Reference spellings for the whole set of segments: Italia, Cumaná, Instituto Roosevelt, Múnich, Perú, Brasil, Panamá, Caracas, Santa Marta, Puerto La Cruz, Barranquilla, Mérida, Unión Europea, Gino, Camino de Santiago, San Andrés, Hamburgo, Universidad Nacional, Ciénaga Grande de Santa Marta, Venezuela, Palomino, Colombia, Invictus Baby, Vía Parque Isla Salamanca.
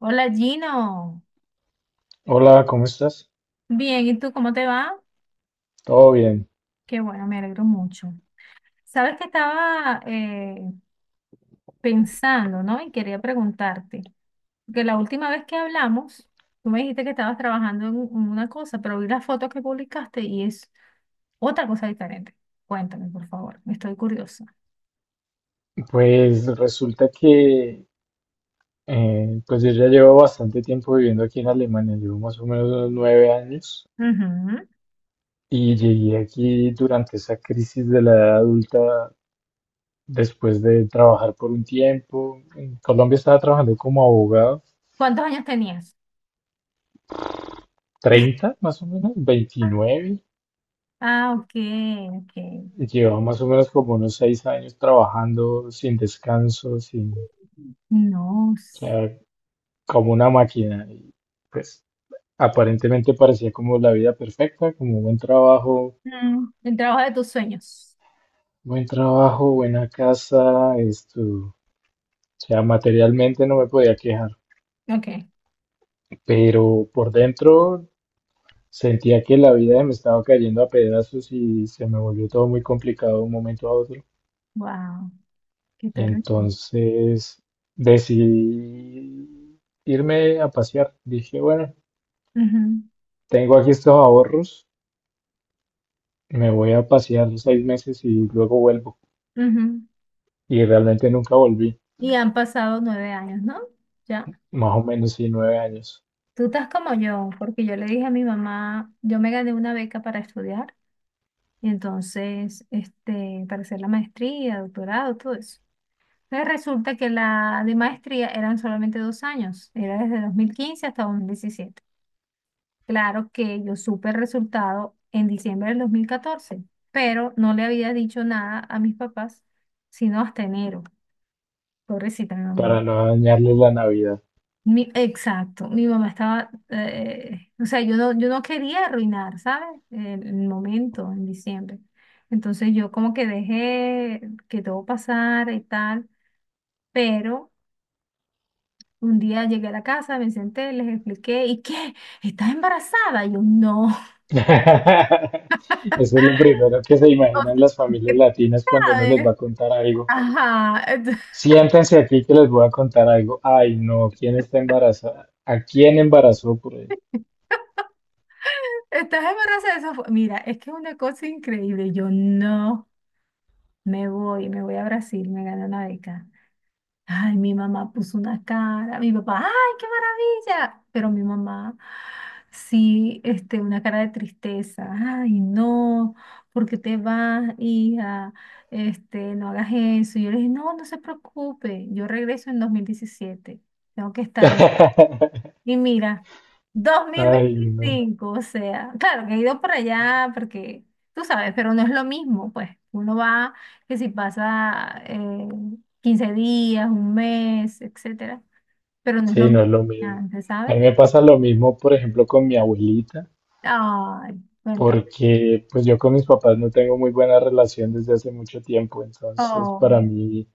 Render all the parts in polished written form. Hola Gino, Hola, ¿cómo estás? bien, ¿y tú cómo te va? Todo bien. Qué bueno, me alegro mucho. Sabes que estaba pensando, ¿no? Y quería preguntarte, porque la última vez que hablamos, tú me dijiste que estabas trabajando en una cosa, pero vi las fotos que publicaste y es otra cosa diferente. Cuéntame, por favor, estoy curiosa. Pues resulta que pues yo ya llevo bastante tiempo viviendo aquí en Alemania, llevo más o menos unos 9 años Ujú. y llegué aquí durante esa crisis de la edad adulta después de trabajar por un tiempo. En Colombia estaba trabajando como abogado, ¿Cuántos años tenías? 30 más o menos, 29. Ah, ok, ok. Llevaba más o menos como unos 6 años trabajando sin descanso, sin, No. o sea, como una máquina. Y, pues aparentemente parecía como la vida perfecta, como Mm, el trabajo de tus sueños. buen trabajo, buena casa, esto, o sea, materialmente no me podía quejar, Ok. pero por dentro sentía que la vida me estaba cayendo a pedazos y se me volvió todo muy complicado de un momento a otro. Wow, qué Y terrible. entonces decidí irme a pasear. Dije, bueno, Ujú, tengo aquí estos ahorros, me voy a pasear 6 meses y luego vuelvo. ujú. Y realmente nunca volví. Y han pasado nueve años, ¿no? Ya. Más o menos, sí, 9 años, Tú estás como yo, porque yo le dije a mi mamá, yo me gané una beca para estudiar, y entonces, este, para hacer la maestría, doctorado, todo eso. Entonces resulta que la de maestría eran solamente dos años, era desde 2015 hasta 2017. Claro que yo supe el resultado en diciembre del 2014, pero no le había dicho nada a mis papás, sino hasta enero. Pobrecita mi para mamá. no dañarles la Navidad. Exacto, mi mamá estaba, o sea, yo no quería arruinar, ¿sabes? El momento en diciembre. Entonces yo como que dejé que todo pasara y tal, pero un día llegué a la casa, me senté, les expliqué. ¿Y qué? ¿Estás embarazada? Y yo, no. Eso es lo primero que se imaginan las familias ¿Qué latinas cuando uno les va sabes? a contar algo. Ajá, Siéntense aquí que les voy a contar algo. Ay, no, ¿quién está embarazada? ¿A quién embarazó por ahí? estás embarazada, Mira, es que es una cosa increíble. Yo no me voy, me voy a Brasil, me gané una beca. Ay, mi mamá puso una cara, mi papá, ¡ay, qué maravilla! Pero mi mamá, sí, este, una cara de tristeza, ¡ay, no! ¿Por qué te vas, hija? Este, no hagas eso. Y yo le dije, no, no se preocupe, yo regreso en 2017. Tengo que estar en y mira, dos mil Ay, no. veinticinco, o sea, claro que he ido para allá porque tú sabes, pero no es lo mismo, pues uno va que si pasa 15 días, un mes, etcétera, pero no es lo Sí, no mismo es lo que mismo. antes, A ¿sabes? mí me pasa lo mismo, por ejemplo, con mi abuelita, Ay, cuéntame. porque pues yo con mis papás no tengo muy buena relación desde hace mucho tiempo, entonces para Oh, mí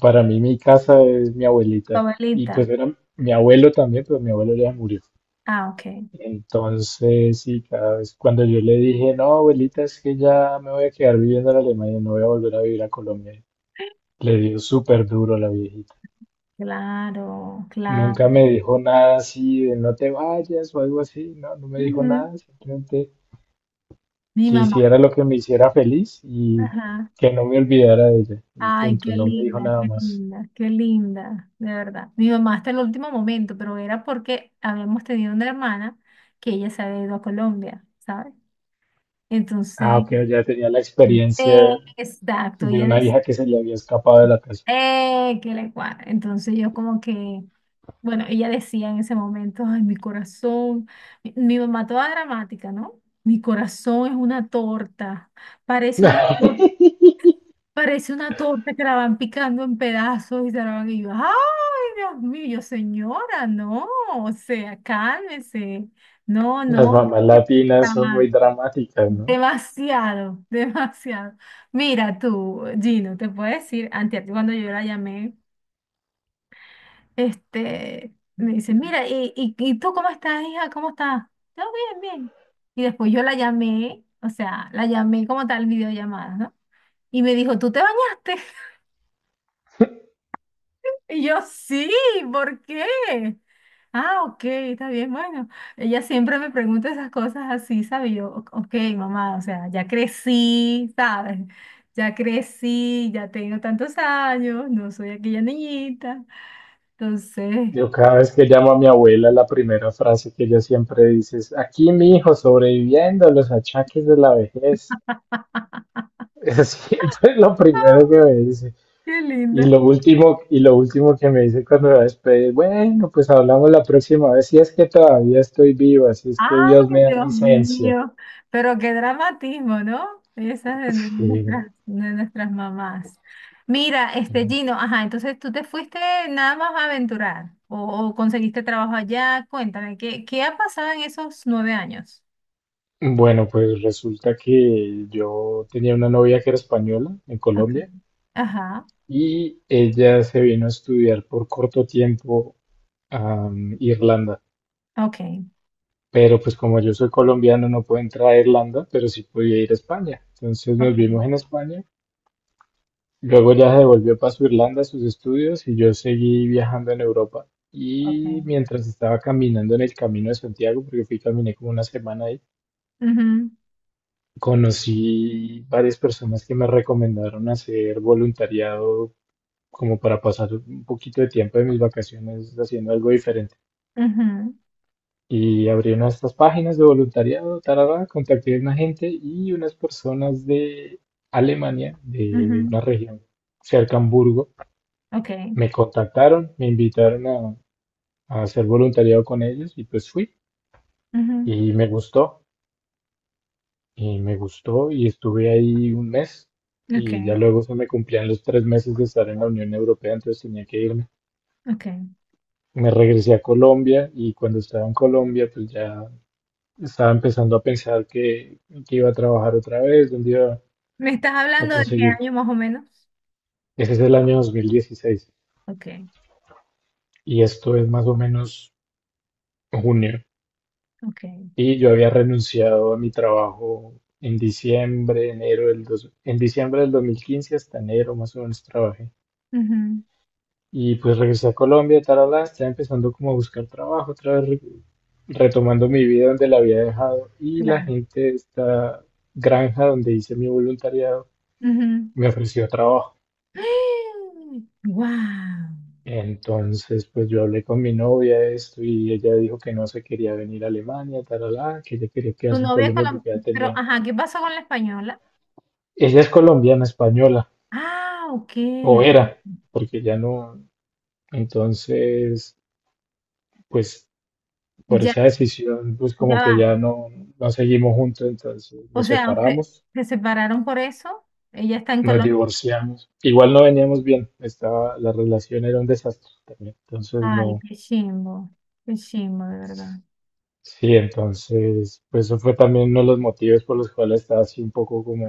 para mí mi casa es mi tu abuelita y pues abuelita. era mi abuelo también, pero mi abuelo ya murió. Ah, ok. Entonces, sí, cada vez cuando yo le dije, no, abuelita, es que ya me voy a quedar viviendo en Alemania, no voy a volver a vivir a Colombia, le dio súper duro a la viejita. Claro, claro. Nunca me dijo nada así de no te vayas o algo así, no, no me dijo Ujú. nada, simplemente Mi que mamá. hiciera lo que me hiciera feliz y Ajá. que no me olvidara de ella. Y Ay, qué punto, no me dijo linda, nada qué más. linda, qué linda, de verdad. Mi mamá hasta el último momento, pero era porque habíamos tenido una hermana que ella se había ido a Colombia, ¿sabes? Ah, Entonces, ok, ya tenía la eh, experiencia exacto, de ella una decía, hija que se le había escapado de la casa. Que le cuadra. Entonces yo como que, bueno, ella decía en ese momento, ay, mi corazón, mi mamá toda dramática, ¿no? Mi corazón es una torta, parece una torta. Parece una torta que la van picando en pedazos y se la van y yo, ay, Dios mío, yo, señora, no, o sea, cálmese. No, Las no, mamás está latinas son muy dramáticas, ¿no? demasiado, demasiado. Mira tú, Gino, te puedo decir, antes cuando yo la llamé, este, me dice, mira, ¿y tú cómo estás, hija? ¿Cómo estás? Yo, bien, bien. Y después yo la llamé, o sea, la llamé como tal videollamada, ¿no? Y me dijo, ¿tú te bañaste? Y yo, sí, ¿por qué? Ah, ok, está bien, bueno. Ella siempre me pregunta esas cosas así, ¿sabes? Y yo, ok, mamá, o sea, ya crecí, ¿sabes? Ya crecí, ya tengo tantos años, no soy aquella niñita. Entonces, Yo cada vez que llamo a mi abuela, la primera frase que ella siempre dice es, aquí mi hijo sobreviviendo a los achaques de la vejez. Es siempre es lo primero que me dice. qué linda. Y lo último que me dice cuando me va a despedir, bueno, pues hablamos la próxima vez, si es que todavía estoy viva, si es que Ay, Dios me da Dios licencia. mío, pero qué dramatismo, ¿no? Esas Sí, de nuestras mamás. Mira, este sí, Gino, ajá, entonces tú te fuiste nada más a aventurar o conseguiste trabajo allá. Cuéntame, ¿qué, qué ha pasado en esos nueve años? bueno, pues resulta que yo tenía una novia que era española en Ok. Colombia Ajá, y ella se vino a estudiar por corto tiempo a Irlanda. ok. Pero pues como yo soy colombiano no puedo entrar a Irlanda, pero sí podía ir a España. Entonces nos Ok, vimos en España. Luego ella se devolvió para su Irlanda a sus estudios y yo seguí viajando en Europa. Y ok. mientras estaba caminando en el Camino de Santiago, porque fui y caminé como una semana ahí, Ujú, conocí varias personas que me recomendaron hacer voluntariado como para pasar un poquito de tiempo de mis vacaciones haciendo algo diferente. ujú, Y abrieron estas páginas de voluntariado, tarara, contacté a una gente y unas personas de Alemania, de ujú, una región cerca a Hamburgo, ok, me contactaron, me invitaron a hacer voluntariado con ellos y pues fui ujú, y me gustó. Y me gustó y estuve ahí un mes ok, y ya luego se me cumplían los 3 meses de estar en la Unión Europea, entonces tenía que irme. ok. Me regresé a Colombia y cuando estaba en Colombia pues ya estaba empezando a pensar que iba a trabajar otra vez, dónde iba ¿Me estás a hablando de qué conseguir. año más o menos? Ese es el año 2016 Ok, y esto es más o menos junio. ok. Y yo había renunciado a mi trabajo en diciembre, en diciembre del 2015 hasta enero más o menos trabajé. Ujú. Y pues regresé a Colombia, tarala, estaba empezando como a buscar trabajo, otra vez retomando mi vida donde la había dejado. Y la Claro. gente de esta granja donde hice mi voluntariado Ujú. me ofreció trabajo. ¡guau! Entonces, pues yo hablé con mi novia de esto y ella dijo que no se quería venir a Alemania, tarala, que ella quería Tu quedarse en novia Colombia porque ya colombiana. Pero, tenía. ajá, ¿qué pasó con la española? Ella es colombiana, española, Ah, ok. o Ok. era, porque ya no. Entonces, pues por Ya, esa decisión, pues como ya que va. ya no, no seguimos juntos, entonces O nos sea, usted, separamos, se separaron por eso. Ella está en nos Colombia. divorciamos. Igual no veníamos bien, la relación era un desastre también, entonces Ay, no. qué chimbo. Qué chimbo, de verdad. Sí, entonces, pues eso fue también uno de los motivos por los cuales estaba así un poco como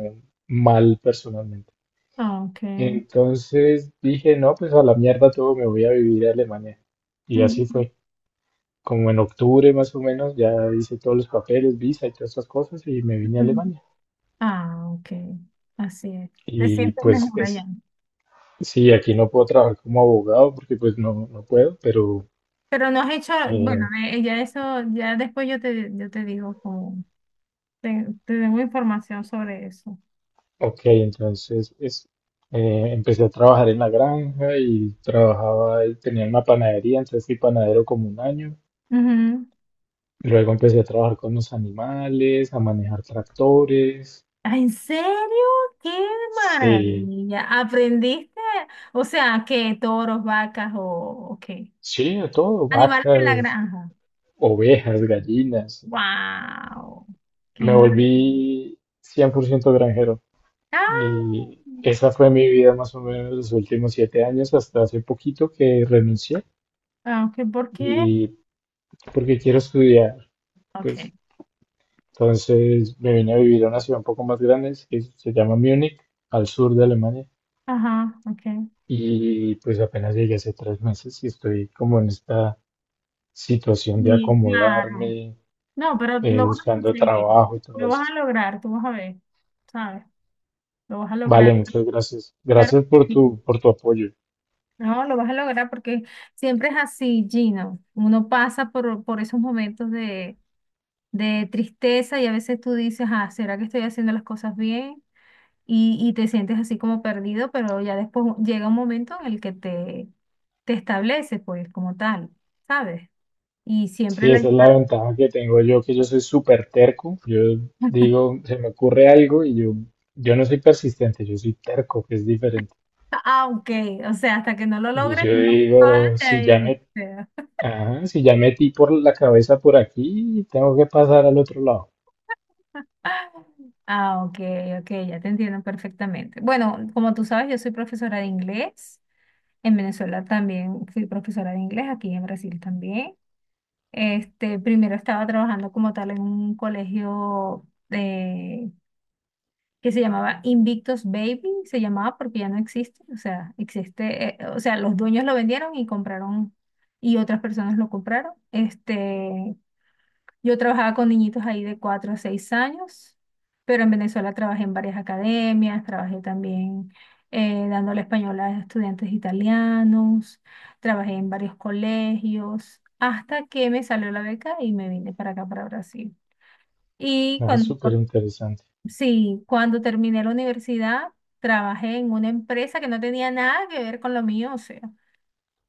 mal personalmente. Ah, ok. Entonces dije, no, pues a la mierda todo, me voy a vivir a Alemania. Y así Ujú, fue. Como en octubre más o menos, ya hice todos los papeles, visa y todas esas cosas y me vine a ujú. Alemania. Ah, ok. Así es. Te Y sientes mejor allá. sí, aquí no puedo trabajar como abogado porque pues no, no puedo, pero Pero no has hecho, bueno, eh, ya eso, ya después yo te digo como, te tengo información sobre eso. ok, empecé a trabajar en la granja y trabajaba, y tenía una panadería, entonces fui panadero como un año. Ujú. Luego empecé a trabajar con los animales, a manejar tractores, Ah, ¿en serio? ¡Qué sí, maravilla! ¿Aprendiste? O sea, ¿qué? ¿Toros, vacas o qué? sí, de todo, Animales de la vacas, granja. ovejas, gallinas. ¡Wow! ¡Qué Me maravilla! volví 100% granjero. ¡Ah! Y esa fue mi vida más o menos los últimos 7 años, hasta hace poquito que renuncié Ah, okay, ¿por qué? y porque quiero estudiar, Ok. pues entonces me vine a vivir a una ciudad un poco más grande que se llama Múnich, al sur de Alemania, Ajá, ok. y pues apenas llegué hace 3 meses y estoy como en esta situación de Sí, claro. acomodarme, No, pero lo vas a buscando conseguir. trabajo y todo Lo vas esto. a lograr, tú vas a ver. ¿Sabes? Lo vas a lograr. Vale, muchas gracias. Claro. Gracias por tu apoyo. No, lo vas a lograr porque siempre es así, Gino. Uno pasa por esos momentos de tristeza y a veces tú dices, ah, ¿será que estoy haciendo las cosas bien? Y te sientes así como perdido, pero ya después llega un momento en el que te estableces, pues, como tal, ¿sabes? Y siempre Sí, la esa es la ayuda, ventaja que tengo yo, que yo soy súper terco. Yo digo, se me ocurre algo y yo no soy persistente, yo soy terco, que es diferente. ah, ok, o sea, hasta que no lo Y logres, yo no sales digo, de ahí, o sea. ajá, si ya metí por la cabeza por aquí, tengo que pasar al otro lado. Ah, ok, ok, ya te entiendo perfectamente. Bueno, como tú sabes, yo soy profesora de inglés. En Venezuela también fui profesora de inglés, aquí en Brasil también. Este, primero estaba trabajando como tal en un que se llamaba Invictus Baby, se llamaba porque ya no existe, o sea, existe, o sea, los dueños lo vendieron y compraron y otras personas lo compraron. Este, yo trabajaba con niñitos ahí de 4 a 6 años, pero en Venezuela trabajé en varias academias, trabajé también dándole español a estudiantes italianos, trabajé en varios colegios, hasta que me salió la beca y me vine para acá, para Brasil. Y Ah, es cuando, súper interesante. sí, cuando terminé la universidad, trabajé en una empresa que no tenía nada que ver con lo mío, o sea.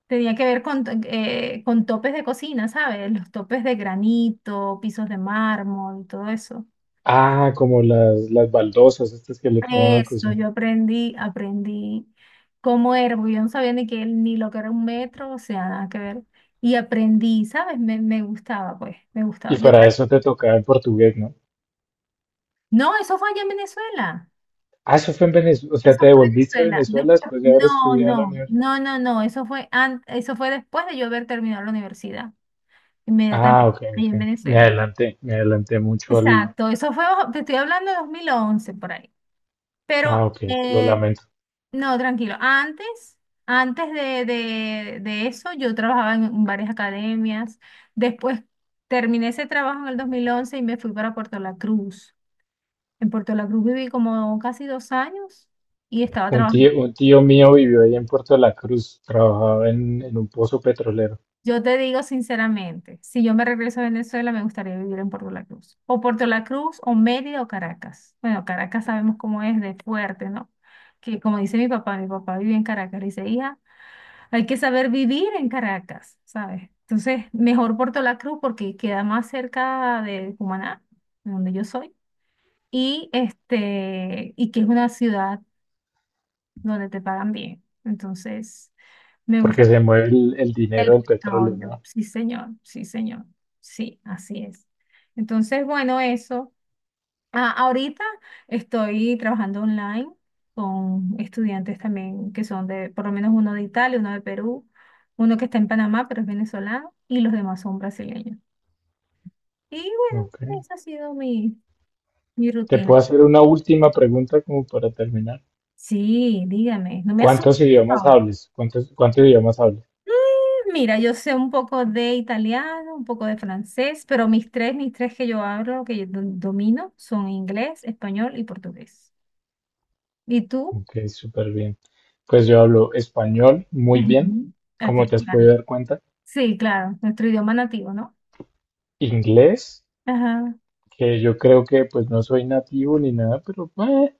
Tenía que ver con topes de cocina, ¿sabes? Los topes de granito, pisos de mármol, todo eso. Ah, como las baldosas estas que le ponen a la Eso, cocina. yo aprendí, aprendí cómo era, porque yo no sabía ni que, ni lo que era un metro, o sea, nada que ver. Y aprendí, ¿sabes? Me gustaba, pues, me Y gustaba. Yo, para eso te tocaba el portugués, ¿no? no, eso fue allá en Venezuela. Ah, eso fue en Venezuela, o sea, Eso te fue en devolviste a Venezuela. Venezuela después de haber No, estudiado en la no, universidad. no, no, no. Eso fue, eso fue después de yo haber terminado la universidad, Ah, inmediatamente, ok, ahí ok. en Venezuela. Me adelanté mucho al. Exacto, eso fue, te estoy hablando de 2011 por ahí. Ah, Pero, ok, lo eh, lamento. no, tranquilo, antes, antes de eso yo trabajaba en varias academias. Después terminé ese trabajo en el 2011 y me fui para Puerto La Cruz. En Puerto La Cruz viví como casi dos años y estaba Un trabajando. tío, un tío mío vivió ahí en Puerto La Cruz, trabajaba en un pozo petrolero, Yo te digo sinceramente, si yo me regreso a Venezuela, me gustaría vivir en Puerto La Cruz. O Puerto La Cruz, o Mérida, o Caracas. Bueno, Caracas sabemos cómo es de fuerte, ¿no? Que como dice mi papá vive en Caracas. Le dice, hija, hay que saber vivir en Caracas, ¿sabes? Entonces, mejor Puerto La Cruz porque queda más cerca de Cumaná, de donde yo soy, y, este, y que es una ciudad donde te pagan bien. Entonces... Me porque gusta se mueve el dinero el del petróleo, petróleo, ¿no? sí señor, sí señor, sí, así es. Entonces, bueno, eso. Ah, ahorita estoy trabajando online con estudiantes también que son de, por lo menos uno de Italia, uno de Perú, uno que está en Panamá, pero es venezolano, y los demás son brasileños. Y bueno, Ok. esa ha sido mi, mi Te rutina. puedo hacer una última pregunta como para terminar. Sí, dígame, no me asuste, ¿Cuántos por idiomas favor. hables? ¿Cuántos idiomas hables? Mira, yo sé un poco de italiano, un poco de francés, pero mis tres que yo hablo, que yo domino, son inglés, español y portugués. ¿Y tú? Ok, súper bien. Pues yo hablo español muy bien, Ujú. Ok, como te has claro. podido dar cuenta. Sí, claro, nuestro idioma nativo, ¿no? Inglés, Ajá. que yo creo que pues no soy nativo ni nada, pero bueno,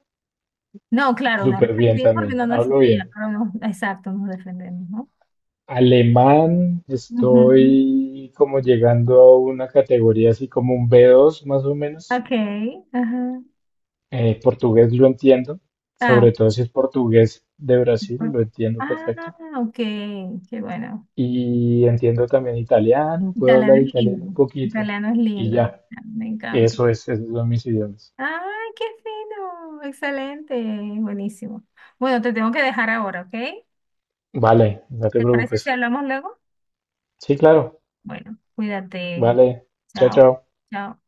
No, claro, no eres súper bien nativo porque también, no hablo naciste allá, bien. pero no, exacto, nos defendemos, ¿no? Alemán, Ujú. estoy como llegando a una categoría así como un B2 más o menos. Ok, ajá. Portugués lo entiendo, Ah, sobre todo si es portugués de Brasil, por- lo entiendo ah, perfecto. ok, qué bueno. Y entiendo también italiano, puedo hablar Italiano es italiano un lindo, poquito. italiano es Y lindo, ya, me encanta. eso es, esos son mis idiomas. ¡Ay, qué fino! Excelente, buenísimo. Bueno, te tengo que dejar ahora, ¿ok? Vale, no te ¿Te parece si preocupes. hablamos luego? Sí, claro, Bueno, cuídate. vale. Chao, Chao. chao. Chao.